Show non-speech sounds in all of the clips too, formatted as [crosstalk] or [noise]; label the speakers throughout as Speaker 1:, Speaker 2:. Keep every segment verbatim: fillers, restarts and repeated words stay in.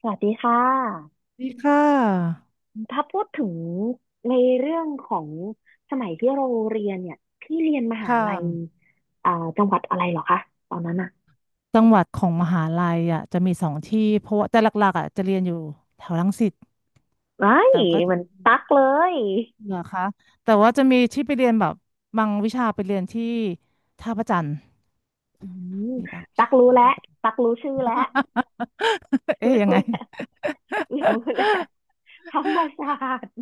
Speaker 1: สวัสดีค่ะ
Speaker 2: ดีค่ะ
Speaker 1: ถ้าพูดถึงในเรื่องของสมัยที่เราเรียนเนี่ยพี่เรียนมหา
Speaker 2: ค่ะ
Speaker 1: ลัยอ่าจังหวัดอะไรเหรอคะตอนนั้นอะ
Speaker 2: จังหวัดของมหาลัยอ่ะจะมีสองที่ เพราะว่าแต่หลักๆอ่ะจะเรียนอยู่แถวรังสิต
Speaker 1: ไอ้ย
Speaker 2: แต่ก็
Speaker 1: เห
Speaker 2: จะ
Speaker 1: มันตักเลย
Speaker 2: เหนือคะแต่ว่าจะมีที่ไปเรียนแบบบางวิชาไปเรียนที่ท่าพระจันทร์
Speaker 1: อืม
Speaker 2: มีบางวิ
Speaker 1: ตัก
Speaker 2: ชา
Speaker 1: รู้
Speaker 2: เป็น
Speaker 1: แล้ว
Speaker 2: ท่าพระจันท
Speaker 1: ตั
Speaker 2: ร์
Speaker 1: กรู้ชื่อแล้ว
Speaker 2: [laughs] เอ๊
Speaker 1: รู้
Speaker 2: ยยังไง
Speaker 1: แล้วรู้แล้วธรรมศาสตร์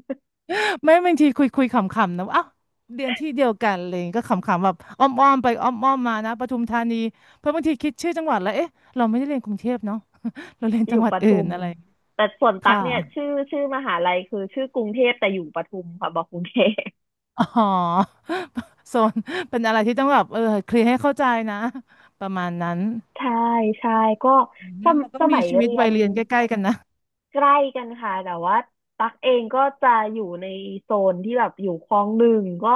Speaker 2: ไม่บางทีคุยคุยขำๆนะว่าอ้าวเรียนที่เดียวกันอะไรอย่างเลยก็ขำๆแบบอ้อมๆไปอ้อมๆมานะปทุมธานีเพราะบางทีคิดชื่อจังหวัดแล้วเอ๊ะเราไม่ได้เรียนกรุงเทพเนาะ [laughs] เราเรียน
Speaker 1: อ
Speaker 2: จัง
Speaker 1: ยู่
Speaker 2: หวั
Speaker 1: ป
Speaker 2: ดอื่
Speaker 1: ทุ
Speaker 2: น
Speaker 1: ม
Speaker 2: อะไรอย่างเงี้ย
Speaker 1: แต่ส่วนตัก
Speaker 2: ค่ะ
Speaker 1: เนี่ยชื่อชื่อมหาลัยคือชื่อกรุงเทพแต่อยู่ปทุมค่ะบอกกรุงเทพ
Speaker 2: อ๋อ [laughs] โซนเป็นอะไรที่ต้องแบบเออเคลียร์ให้เข้าใจนะประมาณนั้น
Speaker 1: ใช่ใช่ก็ส
Speaker 2: งั้น
Speaker 1: ม
Speaker 2: เราก็
Speaker 1: ส
Speaker 2: มี
Speaker 1: มัย
Speaker 2: ชีวิต
Speaker 1: เรีย
Speaker 2: วัย
Speaker 1: น
Speaker 2: เรียนใกล้ๆกันนะ
Speaker 1: ใกล้กันค่ะแต่ว่าตักเองก็จะอยู่ในโซนที่แบบอยู่คลองหนึ่งก็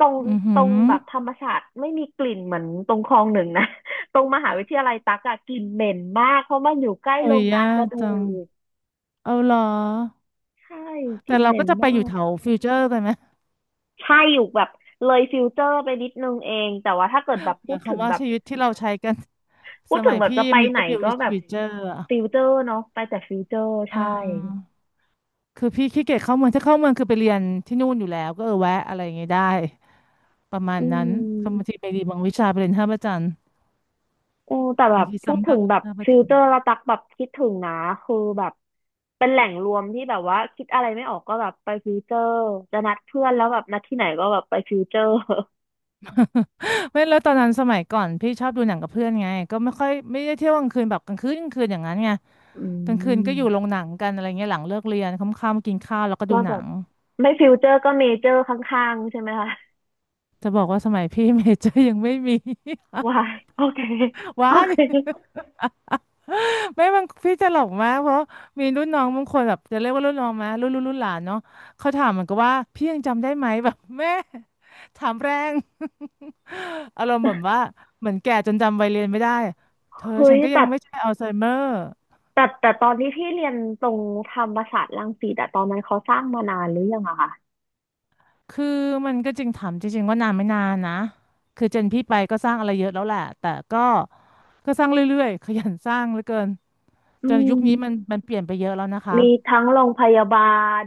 Speaker 1: ตรง
Speaker 2: อือหื
Speaker 1: ตร
Speaker 2: อ
Speaker 1: งแบบธรรมชาสติ์ไม่มีกลิ่นเหมือนตรงคลองหนึ่งนะ [laughs] ตรงมหาวิทยาลัยตักอะกลิ่นเหม็นมากเพราะมันอยู่ใกล้
Speaker 2: โอ้
Speaker 1: โร
Speaker 2: ย
Speaker 1: งงา
Speaker 2: ยา
Speaker 1: นก
Speaker 2: ก
Speaker 1: ระดู
Speaker 2: จัง
Speaker 1: ก
Speaker 2: เอาเหรอ
Speaker 1: ใช่ก
Speaker 2: แต่
Speaker 1: ลิ่น
Speaker 2: เรา
Speaker 1: เหม็
Speaker 2: ก็
Speaker 1: น
Speaker 2: จะไปอ
Speaker 1: มา
Speaker 2: ยู่
Speaker 1: ก
Speaker 2: แถวฟิวเจอร์กันไหม
Speaker 1: ใช่อยู่แบบเลยฟิลเตอร์ไปนิดนึงเองแต่ว่าถ้าเกิดแบบ
Speaker 2: [laughs] อ
Speaker 1: พู
Speaker 2: ย่า
Speaker 1: ด
Speaker 2: ง
Speaker 1: ถึง
Speaker 2: คำว่า
Speaker 1: แบบ
Speaker 2: ชีวิตที่เราใช้กัน
Speaker 1: พู
Speaker 2: ส
Speaker 1: ดถึ
Speaker 2: มั
Speaker 1: ง
Speaker 2: ย
Speaker 1: แบบจะ
Speaker 2: พี่ั
Speaker 1: ไป
Speaker 2: มี
Speaker 1: ไหน
Speaker 2: ก็อยู่
Speaker 1: ก็แบบ
Speaker 2: ฟิวเจอร์อ่ะ
Speaker 1: ฟิลเตอร์เนาะไปแต่ฟิลเตอร์
Speaker 2: เ
Speaker 1: ใช่
Speaker 2: ออคือพี่ขี้เกียจเข้าเมืองถ้าเข้าเมืองคือไปเรียนที่นู่นอยู่แล้วก็เออแวะอะไรอย่างเงี้ยได้ประมาณ
Speaker 1: อื
Speaker 2: นั้นก็บางที
Speaker 1: ม
Speaker 2: ไปดีบางวิชาไปเรียนท่าพระจันทร์
Speaker 1: โอแต่แบ
Speaker 2: บาง
Speaker 1: บ
Speaker 2: ที
Speaker 1: พูด
Speaker 2: ซ้ำห
Speaker 1: ถึ
Speaker 2: น้า
Speaker 1: ง
Speaker 2: ก
Speaker 1: แบบ
Speaker 2: ท่าพระ
Speaker 1: ฟิ
Speaker 2: จั
Speaker 1: ล
Speaker 2: น
Speaker 1: เต
Speaker 2: ท
Speaker 1: อ
Speaker 2: ร์
Speaker 1: ร์ละตักแบบคิดถึงนะคือแบบเป็นแหล่งรวมที่แบบว่าคิดอะไรไม่ออกก็แบบไปฟิลเตอร์จะนัดเพื่อนแล้วแบบนัดที่ไหนก็แบบไปฟิลเตอร์
Speaker 2: ไม่แล้วตอนนั้นสมัยก่อนพี่ชอบดูหนังกับเพื่อนไงก็ไม่ค่อยไม่ได้เที่ยวกลางคืนแบบกลางคืนกลางคืนอย่างนั้นไง
Speaker 1: [laughs] อื
Speaker 2: กลางคืน
Speaker 1: ม
Speaker 2: ก็อยู่โรงหนังกันอะไรเงี้ยหลังเลิกเรียนค่ำๆกินข้าวแล้วก็ดู
Speaker 1: ก็
Speaker 2: ห
Speaker 1: แบ
Speaker 2: นั
Speaker 1: บ
Speaker 2: ง
Speaker 1: ไม่ฟิลเตอร์ก็เมเจอร์ข้างๆใช่ไหมคะ
Speaker 2: จะบอกว่าสมัยพี่ [laughs] เมเจอร์ยังไม่มี
Speaker 1: ว้ายโอเค
Speaker 2: [laughs]
Speaker 1: โอ
Speaker 2: ว้าย
Speaker 1: เค [laughs]
Speaker 2: ไม่บางพี่จะหลอกมากเพราะมีรุ่นน้องบางคนแบบจะเรียกว่ารุ่นน้องไหมรุ่นรุ่นรุ่นหลานเนาะเขาถามเหมือนกับว่าพี่ยังจำได้ไหม [laughs] แบบแม่ถามแรง [laughs] อารมณ์เหมือนว่าเหมือนแก่จนจำวัยเรียนไม่ได้เธอ
Speaker 1: เฮ้
Speaker 2: ฉั
Speaker 1: ย
Speaker 2: นก็ยั
Speaker 1: แต่
Speaker 2: งไม่ใช่อัลไซเมอร์
Speaker 1: แต่แต่ตอนที่พี่เรียนตรงธรรมศาสตร์รังสิตอะตอนนั้นเขาสร้างมานานหรือยังอะคะ
Speaker 2: คือมันก็จริงถามจริงๆว่านานไม่นานนะคือเจนพี่ไปก็สร้างอะไรเยอะแล้วแหละแต่ก็ก็สร้างเรื่อยๆขยันสร้างเหลือเกิน
Speaker 1: อื
Speaker 2: จนยุค
Speaker 1: ม
Speaker 2: นี้มันมันเปลี่ยนไปเยอะแล้วนะคะ
Speaker 1: มีทั้งโรงพยาบาล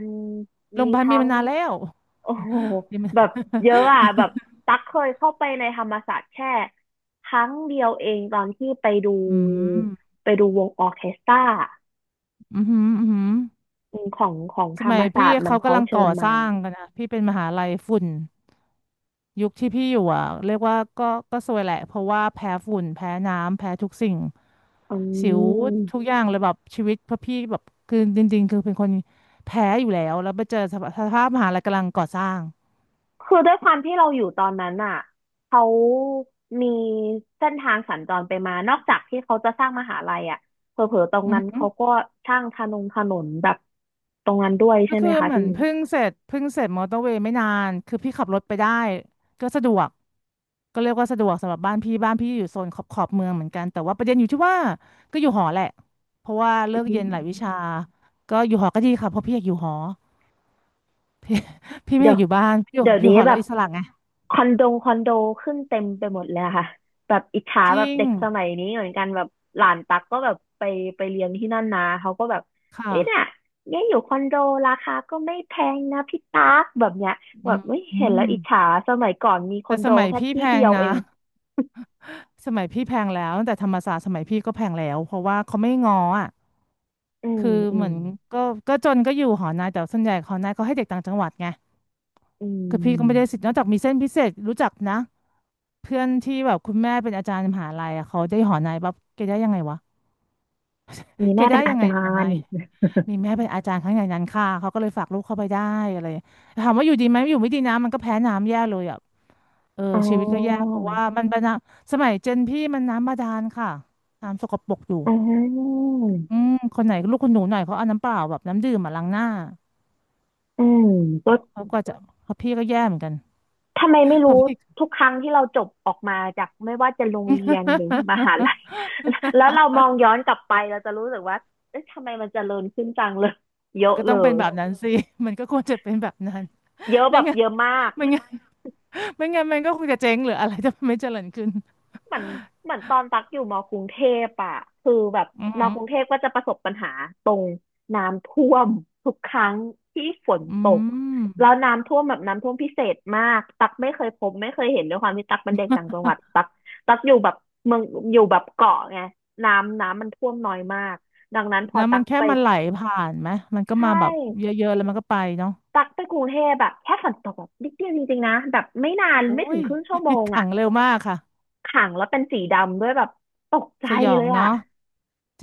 Speaker 2: โร
Speaker 1: มี
Speaker 2: งพยาบาลมี
Speaker 1: ทั้ง
Speaker 2: มานานแล้ว
Speaker 1: โอ้โห
Speaker 2: มีมา
Speaker 1: แบ
Speaker 2: นา
Speaker 1: บ
Speaker 2: น
Speaker 1: เยอะอ่ะแบบตั๊กเคยเข้าไปในธรรมศาสตร์แค่ครั้งเดียวเองตอนที่ไปดู
Speaker 2: อืม
Speaker 1: ไปดูวงออร์เคสตรา
Speaker 2: อือหืออือหือ
Speaker 1: อืมของของ
Speaker 2: ส
Speaker 1: ธรร
Speaker 2: มั
Speaker 1: ม
Speaker 2: ยพี่
Speaker 1: ศาสตร์มัน
Speaker 2: เขา
Speaker 1: เขา
Speaker 2: กำลัง
Speaker 1: เชิ
Speaker 2: ก่อ
Speaker 1: ญ
Speaker 2: ส
Speaker 1: มา
Speaker 2: ร้างกันนะพี่เป็นมหาลัยฝุ่นยุคที่พี่อยู่อ่ะเรียกว่าก็ก็ซวยแหละเพราะว่าแพ้ฝุ่นแพ้น้ำแพ้ทุกสิ่ง
Speaker 1: อื
Speaker 2: สิวทุก
Speaker 1: ม
Speaker 2: อย่างเลยแบบชีวิตเพราะพี่แบบคือจริงๆคือเป็นคนแพ้อยู่แล้วแล้วไปเจอสภาสภาพมหาลัยกำลังก่อสร้าง
Speaker 1: คือด้วยความที่เราอยู่ตอนนั้นอ่ะเขามีเส้นทางสัญจรไปมานอกจากที่เขาจะสร้างมหาลัยอ่ะเผลอๆตรง
Speaker 2: อือ
Speaker 1: นั้น
Speaker 2: หือ
Speaker 1: เขาก็สร้างถนนถนนแบบตรงนั้นด้วย
Speaker 2: ก็
Speaker 1: ใช่ไห
Speaker 2: คื
Speaker 1: ม
Speaker 2: อ
Speaker 1: คะ
Speaker 2: เหมือ
Speaker 1: พี่
Speaker 2: นเพิ่งเสร็จเพิ่งเสร็จมอเตอร์เวย์ไม่นานคือพี่ขับรถไปได้ก็สะดวกก็เรียกว่าสะดวกสำหรับบ้านพี่บ้านพี่อยู่โซนขอบขอบเมืองเหมือนกันแต่ว่าประเด็นอยู่ที่ว่าก็อยู่หอแหละเพราะว่าเลิกเรี
Speaker 1: อื
Speaker 2: ยนหลายวิชา
Speaker 1: ม
Speaker 2: ก็อยู่หอก็ดีค่ะเพราะพี่อยากอยู่หอ [laughs] พี่พี่ไม่
Speaker 1: เดี๋
Speaker 2: อ
Speaker 1: ย
Speaker 2: ยา
Speaker 1: ว
Speaker 2: กอยู่บ้านอยู่
Speaker 1: เดี๋ยว
Speaker 2: อยู่
Speaker 1: นี้
Speaker 2: หอ
Speaker 1: แบ
Speaker 2: แล้ว
Speaker 1: บ
Speaker 2: อิสระไง
Speaker 1: คอนโดคอนโดขึ้นเต็มไปหมดเลยอะค่ะแบบอิจฉา
Speaker 2: จ
Speaker 1: แบ
Speaker 2: ริ
Speaker 1: บ
Speaker 2: ง
Speaker 1: เด็กสมัยนี้เหมือนกันแบบหลานตักก็แบบไปไปเรียนที่นั่นนะเขาก็แบบ
Speaker 2: ค
Speaker 1: เอ้ยน่ะ
Speaker 2: ่ะ
Speaker 1: เนี่ยอยู่คอนโดราคาก็ไม่แพงนะพี่ตักแบบเนี้ย
Speaker 2: อ
Speaker 1: แบบไม่
Speaker 2: ื
Speaker 1: เห็นแล้ว
Speaker 2: ม
Speaker 1: อิจฉาสมัยก่อนมีคอ
Speaker 2: แต่
Speaker 1: น
Speaker 2: ส
Speaker 1: โด
Speaker 2: มัย
Speaker 1: แค่
Speaker 2: พี่แพ
Speaker 1: ที่เดี
Speaker 2: ง
Speaker 1: ยว
Speaker 2: นะ
Speaker 1: เอง
Speaker 2: [laughs] สมัยพี่แพงแล้วแต่ธรรมศาสตร์สมัยพี่ก็แพงแล้วเพราะว่าเขาไม่ง้ออ่ะ
Speaker 1: อืม
Speaker 2: คือ
Speaker 1: อื
Speaker 2: เห
Speaker 1: ม
Speaker 2: มือนก็ก็จนก็อยู่หอนายแต่ส่วนใหญ่หอนายเขาให้เด็กต่างจังหวัดไง
Speaker 1: อื
Speaker 2: คือพี่ก็ไม่ได้สิ
Speaker 1: ม
Speaker 2: ทธิ์นอกจากมีเส้นพิเศษรู้จักนะเพื่อนที่แบบคุณแม่เป็นอาจารย์มหาลัยอะเขาได้หอนายปั๊บแกได้ยังไงวะ
Speaker 1: มี
Speaker 2: แก
Speaker 1: แม่เป็
Speaker 2: ได้
Speaker 1: นอา
Speaker 2: ยังไง
Speaker 1: จา
Speaker 2: หอ
Speaker 1: ร
Speaker 2: นาย
Speaker 1: ย์
Speaker 2: มีแม่เป็นอาจารย์ข้างในนั้นค่ะเขาก็เลยฝากลูกเข้าไปได้อะไรถามว่าอยู่ดีไหมอยู่ไม่ดีนะมันก็แพ้น้ำแย่เลยอ่ะเออ
Speaker 1: อ๋อ
Speaker 2: ชีวิตก็แย่เพราะว่ามันเป็นน้ำสมัยเจนพี่มันน้ำบาดาลค่ะน้ำสกปรกอยู่
Speaker 1: อ๋อ
Speaker 2: อืมคนไหนลูกคนหนูหน่อยเขาเอาน้ำเปล่าแบบน้ำดื่มมาล้างหน้า
Speaker 1: อืมก็
Speaker 2: เขาก็จะเพราะพี่ก็แย่เหมือนกัน
Speaker 1: ทำไมไม่
Speaker 2: เพ
Speaker 1: รู้
Speaker 2: ราะพี่
Speaker 1: ทุกครั้งที่เราจบออกมาจากไม่ว่าจะโรงเรียนหรือมหาลัย
Speaker 2: [laughs]
Speaker 1: [laughs] แล้วเรามองย้อนกลับไปเราจะรู้สึกว่าเอ๊ะทำไมมันเจริญขึ้นจังเลย [laughs] เย
Speaker 2: มัน
Speaker 1: อะ
Speaker 2: ก็
Speaker 1: เล
Speaker 2: ต้องเป็น
Speaker 1: ย
Speaker 2: แบบนั้นสิมันก็ควรจะเป็นแบบนั้น
Speaker 1: เยอะ
Speaker 2: ไม่
Speaker 1: แบบ
Speaker 2: งั้น
Speaker 1: เยอะมาก
Speaker 2: ไม่
Speaker 1: [laughs]
Speaker 2: งั้นไม่งั้นมันก็คงจะเจ๊งหรืออะไรจะไม่เจริญขึ้น
Speaker 1: เหมือนเหมือนตอนตักอยู่มกรุงเทพอ่ะคือแบบ
Speaker 2: อืมอ
Speaker 1: ม
Speaker 2: หือ
Speaker 1: กรุงเทพก็จะประสบปัญหา น้ำท่วมทุกครั้งที่ฝน
Speaker 2: อื
Speaker 1: ตก
Speaker 2: ม
Speaker 1: แล้วน้ำท่วมแบบน้ำท่วมพิเศษมากตักไม่เคยพบไม่เคยเห็นด้วยความที่ตักเป็นเด็กต่างจังหวัดตักตักอยู่แบบเมืองอยู่แบบเกาะไงน้ำน้ำมันท่วมน้อยมากดังนั้นพอ
Speaker 2: แล้ว
Speaker 1: ตั
Speaker 2: มัน
Speaker 1: ก
Speaker 2: แค่
Speaker 1: ไป
Speaker 2: มันไหลผ่านไหมมันก็
Speaker 1: ใช่
Speaker 2: มาแบบเยอะๆแล้วมันก็ไปเนาะ
Speaker 1: ตักไปกรุงเทพแบบแค่ฝนตกแบบนิดเดียวจริงๆนะแบบไม่นาน
Speaker 2: โอ้
Speaker 1: ไม่ถึ
Speaker 2: ย
Speaker 1: งครึ่งชั่วโม
Speaker 2: [laughs]
Speaker 1: ง
Speaker 2: ขั
Speaker 1: อ่ะ
Speaker 2: งเร็วมากค่ะ
Speaker 1: ขังแล้วเป็นสีดำด้วยแบบตกใจ
Speaker 2: สยอ
Speaker 1: เล
Speaker 2: ง
Speaker 1: ย
Speaker 2: เนาะ
Speaker 1: อ่ะ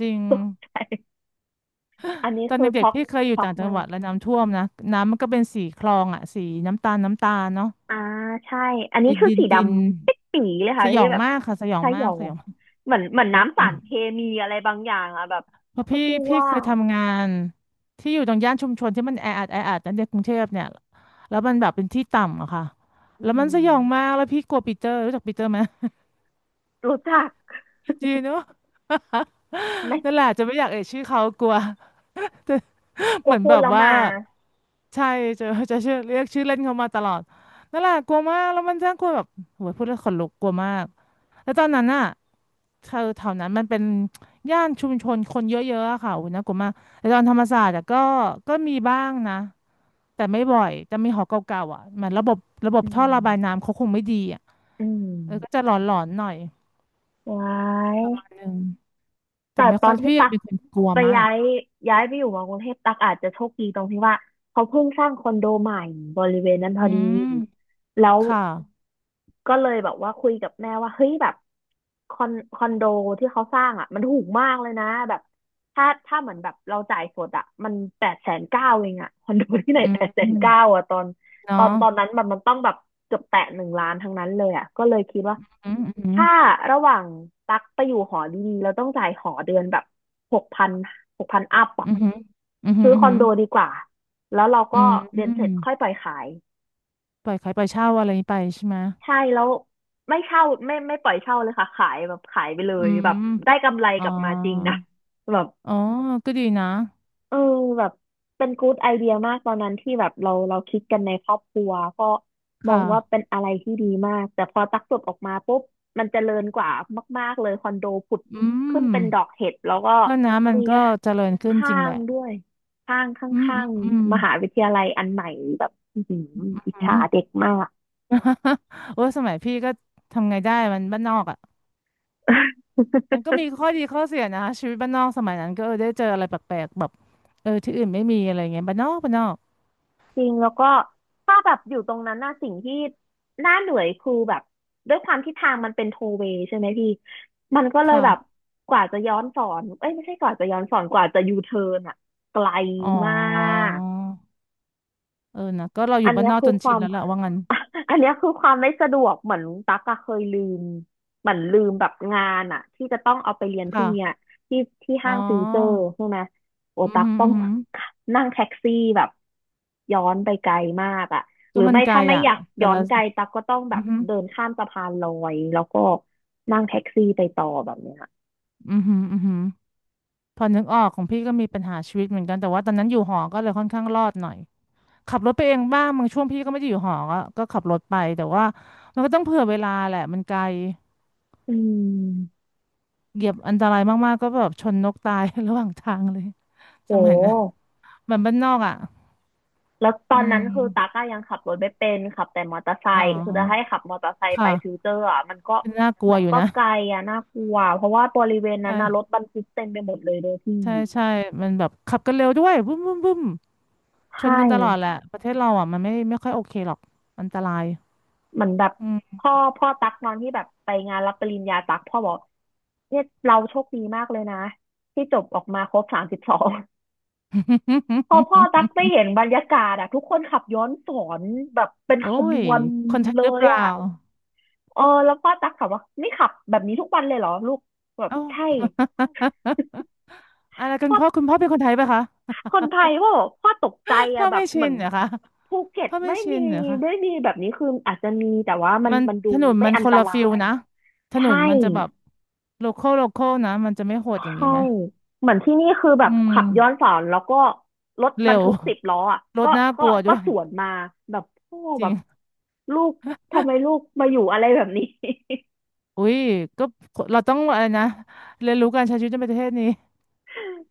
Speaker 2: จริง
Speaker 1: [laughs] ตกใจอันนี้
Speaker 2: ตอน
Speaker 1: คือ
Speaker 2: เด็ก
Speaker 1: ช็อ
Speaker 2: ๆ
Speaker 1: ก
Speaker 2: พี่เคยอยู่
Speaker 1: ช็อก
Speaker 2: ต่างจัง
Speaker 1: มา
Speaker 2: หวั
Speaker 1: ก
Speaker 2: ดแล้วน้ำท่วมนะน้ำมันก็เป็นสีคลองอ่ะสีน้ำตาลน้ำตาลเนาะ
Speaker 1: อ่าใช่อันนี้
Speaker 2: ดิน
Speaker 1: คือ
Speaker 2: ดิน
Speaker 1: สีด
Speaker 2: ดิน
Speaker 1: ำเปิ๊ดปีเลย
Speaker 2: ส
Speaker 1: ค่ะ
Speaker 2: ย
Speaker 1: ที่
Speaker 2: อง
Speaker 1: แบบ
Speaker 2: มากค่ะสยอง
Speaker 1: ใช่
Speaker 2: มา
Speaker 1: ยอ
Speaker 2: ก
Speaker 1: ง
Speaker 2: สยอง
Speaker 1: เหมือนเหมือนน้ำ
Speaker 2: จ
Speaker 1: สา
Speaker 2: ริง
Speaker 1: รเคมีอะไรบางอย่างอะแบบ
Speaker 2: เพราะ
Speaker 1: ส
Speaker 2: พี่
Speaker 1: กู
Speaker 2: พี่
Speaker 1: ว่า
Speaker 2: เคยทำงานที่อยู่ตรงย่านชุมชนที่มันแออัดแออัดนั่นในกรุงเทพเนี่ยแล้วมันแบบเป็นที่ต่ำอะค่ะ
Speaker 1: อื
Speaker 2: แล้วมันสยองมา
Speaker 1: ม
Speaker 2: กแล้วพี่กลัวปีเตอร์รู้จักปีเตอร์ไหม
Speaker 1: รู้จัก
Speaker 2: จีนเนอะ
Speaker 1: ไม่
Speaker 2: [laughs] นั่นแหละจะไม่อยากเอ่ยชื่อเขากลัว [laughs]
Speaker 1: กลั
Speaker 2: เห
Speaker 1: ว
Speaker 2: มือน
Speaker 1: พู
Speaker 2: แบ
Speaker 1: ด
Speaker 2: บ
Speaker 1: แล้ว
Speaker 2: ว่า
Speaker 1: มา
Speaker 2: ใช่จะจะชื่อเรียกชื่อเล่นเขามาตลอดนั่นแหละกลัวมากแล้วมันน่ากลัวแบบโหยพูดแล้วขนลุกกลัวมากแล้วตอนนั้นน่ะแถวแถวนั้นมันเป็นย่านชุมชนคนเยอะๆอะค่ะโอ้ยน่ากลัวมากแต่ตอนธรรมศาสตร์อะก็ก็มีบ้างนะแต่ไม่บ่อยแต่มีหอเก่าๆอ่ะเหมันระบบระบบ
Speaker 1: อื
Speaker 2: ท่อ
Speaker 1: ม
Speaker 2: ระบายน้ำเขาคงไม่ดีอ่ะ
Speaker 1: อื
Speaker 2: เออก็จะ
Speaker 1: ม
Speaker 2: หลอนๆหน่อย
Speaker 1: ว้าย
Speaker 2: อืมแต่
Speaker 1: แต่
Speaker 2: ไม่
Speaker 1: ตอ
Speaker 2: ค่อ
Speaker 1: น
Speaker 2: ย
Speaker 1: ที่
Speaker 2: พี่
Speaker 1: ตั
Speaker 2: อะ
Speaker 1: ก
Speaker 2: เป็นคนกลัว
Speaker 1: ไป
Speaker 2: มา
Speaker 1: ย้า
Speaker 2: ก
Speaker 1: ยย้ายไปอยู่มากรุงเทพตักอาจจะโชคดีตรงที่ว่าเขาเพิ่งสร้างคอนโดใหม่บริเวณนั้นพ
Speaker 2: อื
Speaker 1: อดี
Speaker 2: ม
Speaker 1: แล้ว
Speaker 2: ค่ะ
Speaker 1: ก็เลยแบบว่าคุยกับแม่ว่าเฮ้ยแบบคอนคอนโดที่เขาสร้างอ่ะมันถูกมากเลยนะแบบถ้าถ้าเหมือนแบบเราจ่ายสดอ่ะมันแปดแสนเก้าเองอ่ะคอนโดที่ไหน
Speaker 2: อื
Speaker 1: แปดแสน
Speaker 2: ม
Speaker 1: เก้าอ่ะตอน
Speaker 2: เนา
Speaker 1: ตอนตอนนั้
Speaker 2: ะ
Speaker 1: นแบบมันต้องแบบเกือบแตะหนึ่งล้านทั้งนั้นเลยอ่ะก็เลยคิดว่า
Speaker 2: อืมอืม
Speaker 1: ถ้าระหว่างตักไปอยู่หอดีๆเราต้องจ่ายหอเดือนแบบหกพันหกพันอัพอ่ะ
Speaker 2: อืมอืม
Speaker 1: ซื้อ
Speaker 2: อื
Speaker 1: คอน
Speaker 2: ม
Speaker 1: โด
Speaker 2: อ
Speaker 1: ดีกว่าแล้วเรา
Speaker 2: ื
Speaker 1: ก็
Speaker 2: มอื
Speaker 1: เรียนเส
Speaker 2: ม
Speaker 1: ร็จค่อยปล่อยขาย
Speaker 2: ปล่อยขายปล่อยเช่าอะไรนี้ไปใช่ไหม
Speaker 1: ใช่แล้วไม่เช่าไม่ไม่ปล่อยเช่าเลยค่ะขายแบบขายไปเล
Speaker 2: อื
Speaker 1: ยแบบ
Speaker 2: ม
Speaker 1: ได้กำไร
Speaker 2: อ๋อ
Speaker 1: กลับมาจริงนะ [laughs] แบบ
Speaker 2: อ๋อก็ดีนะ
Speaker 1: เออแบบเป็นกูดไอเดียมากตอนนั้นที่แบบเราเราคิดกันในครอบครัวก็มอ
Speaker 2: ค่ะ
Speaker 1: งว่าเป็นอะไรที่ดีมากแต่พอตักจบออกมาปุ๊บมันเจริญกว่ามากๆเลยคอนโดผุด
Speaker 2: อื
Speaker 1: ขึ้น
Speaker 2: ม
Speaker 1: เป็นดอกเห็ดแล้วก็
Speaker 2: ก็นะมัน
Speaker 1: มี
Speaker 2: ก็เจริญขึ้นจ
Speaker 1: ห้า
Speaker 2: ริงแห
Speaker 1: ง
Speaker 2: ละ
Speaker 1: ด้วยห้างข
Speaker 2: อืม
Speaker 1: ้า
Speaker 2: อืม
Speaker 1: ง
Speaker 2: อืม
Speaker 1: ๆมหาวิทยาลัยอันใหม่แบบอื้อหืออิจ
Speaker 2: อื
Speaker 1: ฉา
Speaker 2: ม
Speaker 1: เด็กมาก
Speaker 2: [laughs] โอ้สมัยพี่ก็ทำไงได้มันบ้านนอกอ่ะมันก็มีข้อดีข้อเสียนะชีวิตบ้านนอกสมัยนั้นก็เออได้เจออะไรแปลกๆแบบเออที่อื่นไม่มีอะไรเงี้ยบ้านนอกบ้านนอก
Speaker 1: จริงแล้วก็ถ้าแบบอยู่ตรงนั้นน่ะสิ่งที่น่าเหนื่อยคือแบบด้วยความที่ทางมันเป็นโทเวย์ใช่ไหมพี่มันก็เลยแบบ
Speaker 2: ค่ะ
Speaker 1: กว่าจะย้อนสอนเอ้ยไม่ใช่กว่าจะย้อนสอนกว่าจะยูเทิร์นอ่ะไกล
Speaker 2: อ๋อ
Speaker 1: มาก
Speaker 2: เออนะก็เราอ
Speaker 1: อั
Speaker 2: ยู่
Speaker 1: น
Speaker 2: บ้า
Speaker 1: เนี้
Speaker 2: น
Speaker 1: ย
Speaker 2: นอก
Speaker 1: คื
Speaker 2: จ
Speaker 1: อ
Speaker 2: น
Speaker 1: ค
Speaker 2: ชิ
Speaker 1: วา
Speaker 2: น
Speaker 1: ม
Speaker 2: แล้วแหละว่างั้น
Speaker 1: [laughs] อันเนี้ยคือความไม่สะดวกเหมือนตั๊กอะเคยลืมเหมือนลืมแบบงานอะที่จะต้องเอาไปเรียนพรุ่
Speaker 2: ค่ะ
Speaker 1: งเนี้ยที่ที่
Speaker 2: อ๋
Speaker 1: ห้างฟิวเจอร์
Speaker 2: อ
Speaker 1: ใช่ไหมโอ
Speaker 2: อือ
Speaker 1: ตั๊ก
Speaker 2: หือ
Speaker 1: ต้อ
Speaker 2: อื
Speaker 1: ง
Speaker 2: อหือ
Speaker 1: [laughs] นั่งแท็กซี่แบบย้อนไปไกลมากอะห
Speaker 2: ก็
Speaker 1: รือ
Speaker 2: มัน
Speaker 1: ไม่
Speaker 2: ไกล
Speaker 1: ถ้าไม่
Speaker 2: อ่ะ
Speaker 1: อยาก
Speaker 2: แต่
Speaker 1: ย้อ
Speaker 2: ละ
Speaker 1: นไกลตั๊กก็ต้องแบ
Speaker 2: อื
Speaker 1: บ
Speaker 2: อหือ
Speaker 1: เดินข้ามสะพานลอยแล้วก็นั่งแท็กซี่ไปต่อแบบเนี้ย
Speaker 2: อือหืออือหือพอนึกออกของพี่ก็มีปัญหาชีวิตเหมือนกันแต่ว่าตอนนั้นอยู่หอก็เลยค่อนข้างรอดหน่อยขับรถไปเองบ้างบางช่วงพี่ก็ไม่ได้อยู่หอก็ก็ขับรถไปแต่ว่ามันก็ต้องเผื่อเวลาแหละมันไกล
Speaker 1: อืม
Speaker 2: เหยียบอันตรายมากๆก็แบบชนนกตาย [laughs] ระหว่างทางเลย
Speaker 1: โ
Speaker 2: สมัยนั้น
Speaker 1: ห
Speaker 2: เหมือนบ้านนอกอ่ะ
Speaker 1: แล้วตอ
Speaker 2: อื
Speaker 1: นนั้น
Speaker 2: ม
Speaker 1: คือตาก้ายังขับรถไม่เป็นขับแต่มอเตอร์ไซ
Speaker 2: อ๋
Speaker 1: ค์คือจะให้
Speaker 2: อ
Speaker 1: ขับมอเตอร์ไซค์ไป
Speaker 2: ค่ะ
Speaker 1: ฟิวเจอร์อ่ะมันก็
Speaker 2: เป็นน่ากลัว
Speaker 1: มัน
Speaker 2: อยู่
Speaker 1: ก็
Speaker 2: นะ
Speaker 1: ไกลอ่ะน่ากลัวเพราะว่าบริเวณนั้
Speaker 2: ใช่
Speaker 1: นนะรถบรรทุกเต็มไปหมดเลยเลยพี่
Speaker 2: ใช่ใช่มันแบบขับกันเร็วด้วยบึ้มบึ้มบึ้มช
Speaker 1: ใช่
Speaker 2: นกันตลอดแหละประเทศเราอ่ะมันไม่ไม่ค่อยโอเคหรอกอันตราย
Speaker 1: เหมือนแบบ
Speaker 2: อืม
Speaker 1: พ่อพ่อตักนอนที่แบบไปงานรับปริญญาตักพ่อบอกเนี่ยเราโชคดีมากเลยนะที่จบออกมาครบสามสิบสองพอพ่อตักไป
Speaker 2: [laughs]
Speaker 1: เห็นบรรยากาศอ่ะทุกคนขับย้อนสอนแบบเป็น
Speaker 2: โอ้
Speaker 1: ขบ
Speaker 2: ย
Speaker 1: วน
Speaker 2: คนไทย
Speaker 1: เล
Speaker 2: หรือเป
Speaker 1: ย
Speaker 2: ล่า
Speaker 1: อ่ะ เออแล้วพ่อตั๊กถามว่านี่ขับแบบนี้ทุกวันเลยเหรอลูกแบบ
Speaker 2: เอ้า
Speaker 1: ใช่
Speaker 2: [laughs] อะไรกัน
Speaker 1: พ่อ
Speaker 2: พ่อคุณพ่อเป็นคนไทยปะคะ
Speaker 1: คนไทยพ่อบอกพ่อตกใจ
Speaker 2: [laughs] พ่
Speaker 1: อะ
Speaker 2: อ
Speaker 1: แบ
Speaker 2: ไม่
Speaker 1: บเห
Speaker 2: ชิ
Speaker 1: มือ
Speaker 2: น
Speaker 1: น
Speaker 2: เหรอคะ
Speaker 1: ภูเก็ต
Speaker 2: พ่อไม่
Speaker 1: ไม่
Speaker 2: ชิ
Speaker 1: มี
Speaker 2: นเหรอคะ
Speaker 1: ไม่มีแบบนี้คืออาจจะมีแต่ว่ามัน
Speaker 2: มัน
Speaker 1: มันดู
Speaker 2: ถนน
Speaker 1: ไม่
Speaker 2: มัน
Speaker 1: อัน
Speaker 2: ค
Speaker 1: ต
Speaker 2: นละ
Speaker 1: รา
Speaker 2: ฟิล
Speaker 1: ย
Speaker 2: นะถน
Speaker 1: ใช่
Speaker 2: นมันจะแบบโลคอลโลคอลนะมันจะไม่โหด
Speaker 1: ใช
Speaker 2: อย่างนี้
Speaker 1: ่
Speaker 2: ไหม
Speaker 1: เหมือนที่นี่คือแบบ
Speaker 2: อืม
Speaker 1: ขับย้อนสอนแล้วก็รถบ
Speaker 2: เร็
Speaker 1: รร
Speaker 2: ว
Speaker 1: ทุกสิบล้ออ่ะ
Speaker 2: [laughs] ร
Speaker 1: ก็
Speaker 2: ถน่าก
Speaker 1: ก็
Speaker 2: ลัว
Speaker 1: ก็
Speaker 2: ด้วย
Speaker 1: สวนมาแบบพ่อ
Speaker 2: จ
Speaker 1: แบ
Speaker 2: ริ
Speaker 1: บ
Speaker 2: ง
Speaker 1: ลูกทำไมลูกมาอยู่อะไรแบบนี้ [laughs]
Speaker 2: อุ้ยก็เราต้องอะไรนะเรียนรู้การใช้ชีวิตในประเทศนี้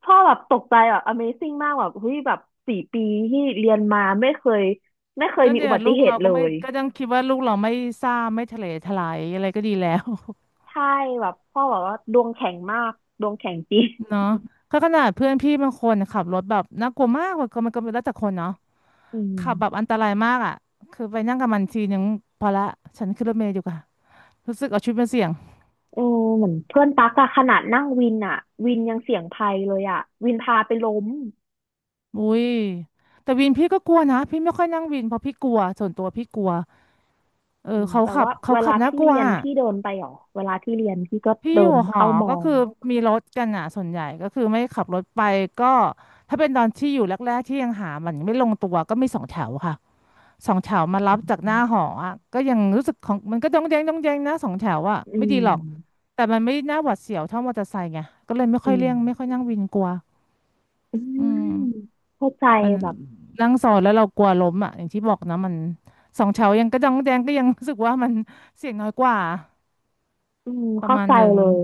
Speaker 1: พ่อแบบตกใจแบบ Amazing มากแบบเฮ้ยแบบสี่ปีที่เรียนมาไม่เคยไม่เคย
Speaker 2: ก็
Speaker 1: มี
Speaker 2: เนี่
Speaker 1: อุ
Speaker 2: ย
Speaker 1: บั
Speaker 2: ลู
Speaker 1: ติ
Speaker 2: ก
Speaker 1: เห
Speaker 2: เรา
Speaker 1: ตุเล
Speaker 2: ก็ไม่
Speaker 1: ย
Speaker 2: ก็ย้งคิดว่าลูกเราไม่ซ่าไม่ทะเลทลายอะไรก็ดีแล้ว
Speaker 1: ใช่แบบพ่อบอกว่าดวงแข็งมากดวงแข็งจริง
Speaker 2: [laughs] เนาะก็ขนาดเพื่อนพี่บางคนขับรถแบบน่ากลัวมากมันก็มันก็แล้วแต่คนเนาะ
Speaker 1: อื
Speaker 2: ขับแบบอั
Speaker 1: ม
Speaker 2: นตรายมากอ่ะคือไปนั่งกับมันทีนึงพอละฉันขึ้นรถเมล์ดีกว่ารู้สึกเอาชีวิตมาเสี่ยง
Speaker 1: เออเหมือนเพื่อนตักอะขนาดนั่งวินอะวินยังเสี่ยงภัยเลยอะวินพาไปล้ม
Speaker 2: อุ้ยแต่วินพี่ก็กลัวนะพี่ไม่ค่อยนั่งวินเพราะพี่กลัวส่วนตัวพี่กลัวเอ
Speaker 1: อื
Speaker 2: อ
Speaker 1: ม
Speaker 2: เขา
Speaker 1: แต่
Speaker 2: ขับ
Speaker 1: ว่า
Speaker 2: เขา
Speaker 1: เว
Speaker 2: ขั
Speaker 1: ลา
Speaker 2: บน่า
Speaker 1: พี่
Speaker 2: กลั
Speaker 1: เรี
Speaker 2: ว
Speaker 1: ยนพี่เดินไปหรอเวลาพี่เรียนพี่ก็
Speaker 2: พี่
Speaker 1: เดิ
Speaker 2: อยู่
Speaker 1: น
Speaker 2: หอ
Speaker 1: เข้ามอ
Speaker 2: ก็
Speaker 1: ง
Speaker 2: คือมีรถกันอ่ะส่วนใหญ่ก็คือไม่ขับรถไปก็ถ้าเป็นตอนที่อยู่แรกๆที่ยังหามันไม่ลงตัวก็มีสองแถวค่ะสองแถวมารับจากหน้าหออ่ะก็ยังรู้สึกของมันก็จ้องแจงต้องแจงนะสองแถวอ่ะ
Speaker 1: อื
Speaker 2: ไม่ดีหรอก
Speaker 1: ม
Speaker 2: แต่มันไม่น่าหวาดเสียวเท่ามอเตอร์ไซค์ไงก็เลยไม่ค่
Speaker 1: อื
Speaker 2: อยเลี่
Speaker 1: ม
Speaker 2: ยงไม่ค่อยนั่งวินกลัว
Speaker 1: อื
Speaker 2: อื
Speaker 1: ม
Speaker 2: ม
Speaker 1: เข้าใจ
Speaker 2: มัน
Speaker 1: แบบ
Speaker 2: นั่งซอยแล้วเรากลัวล้มอ่ะอย่างที่บอกนะมันสองแถวยังกระ้องแจงก็ยังรู้สึกว่ามันเสี่ยงน้อยกว่า
Speaker 1: อืม
Speaker 2: ประ
Speaker 1: เข้า
Speaker 2: มาณ
Speaker 1: ใจ
Speaker 2: หนึ่ง
Speaker 1: เลย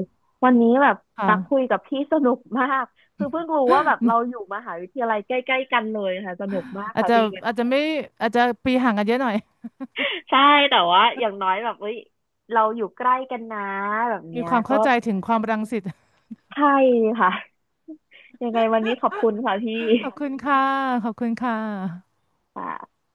Speaker 1: วันนี้แบบ
Speaker 2: ค
Speaker 1: ตักคุย
Speaker 2: ่ะ
Speaker 1: กับพี่สนุกมากคือเพิ่งรู้ว่าแบบเราอยู่มหาวิทยาลัยใกล้ๆกันเลยค่ะสนุกมาก
Speaker 2: อาจ
Speaker 1: ค่ะ
Speaker 2: จะ
Speaker 1: พี่ [laughs]
Speaker 2: อาจจะไม่อาจจะปีห่างกันเยอะหน่อย
Speaker 1: ใช่แต่ว่าอย่างน้อยแบบเอ้ยเราอยู่ใกล้กันนะแบบ
Speaker 2: มี
Speaker 1: เนี้ย
Speaker 2: ความ
Speaker 1: ก็
Speaker 2: เข้าใจถึงความรังสิต
Speaker 1: ใช่ค่ะ [laughs] ยังไงวันนี้ขอบคุณค่ะพี่
Speaker 2: [laughs] ขอบคุณค่ะขอบคุณค่ะ
Speaker 1: ค่ะ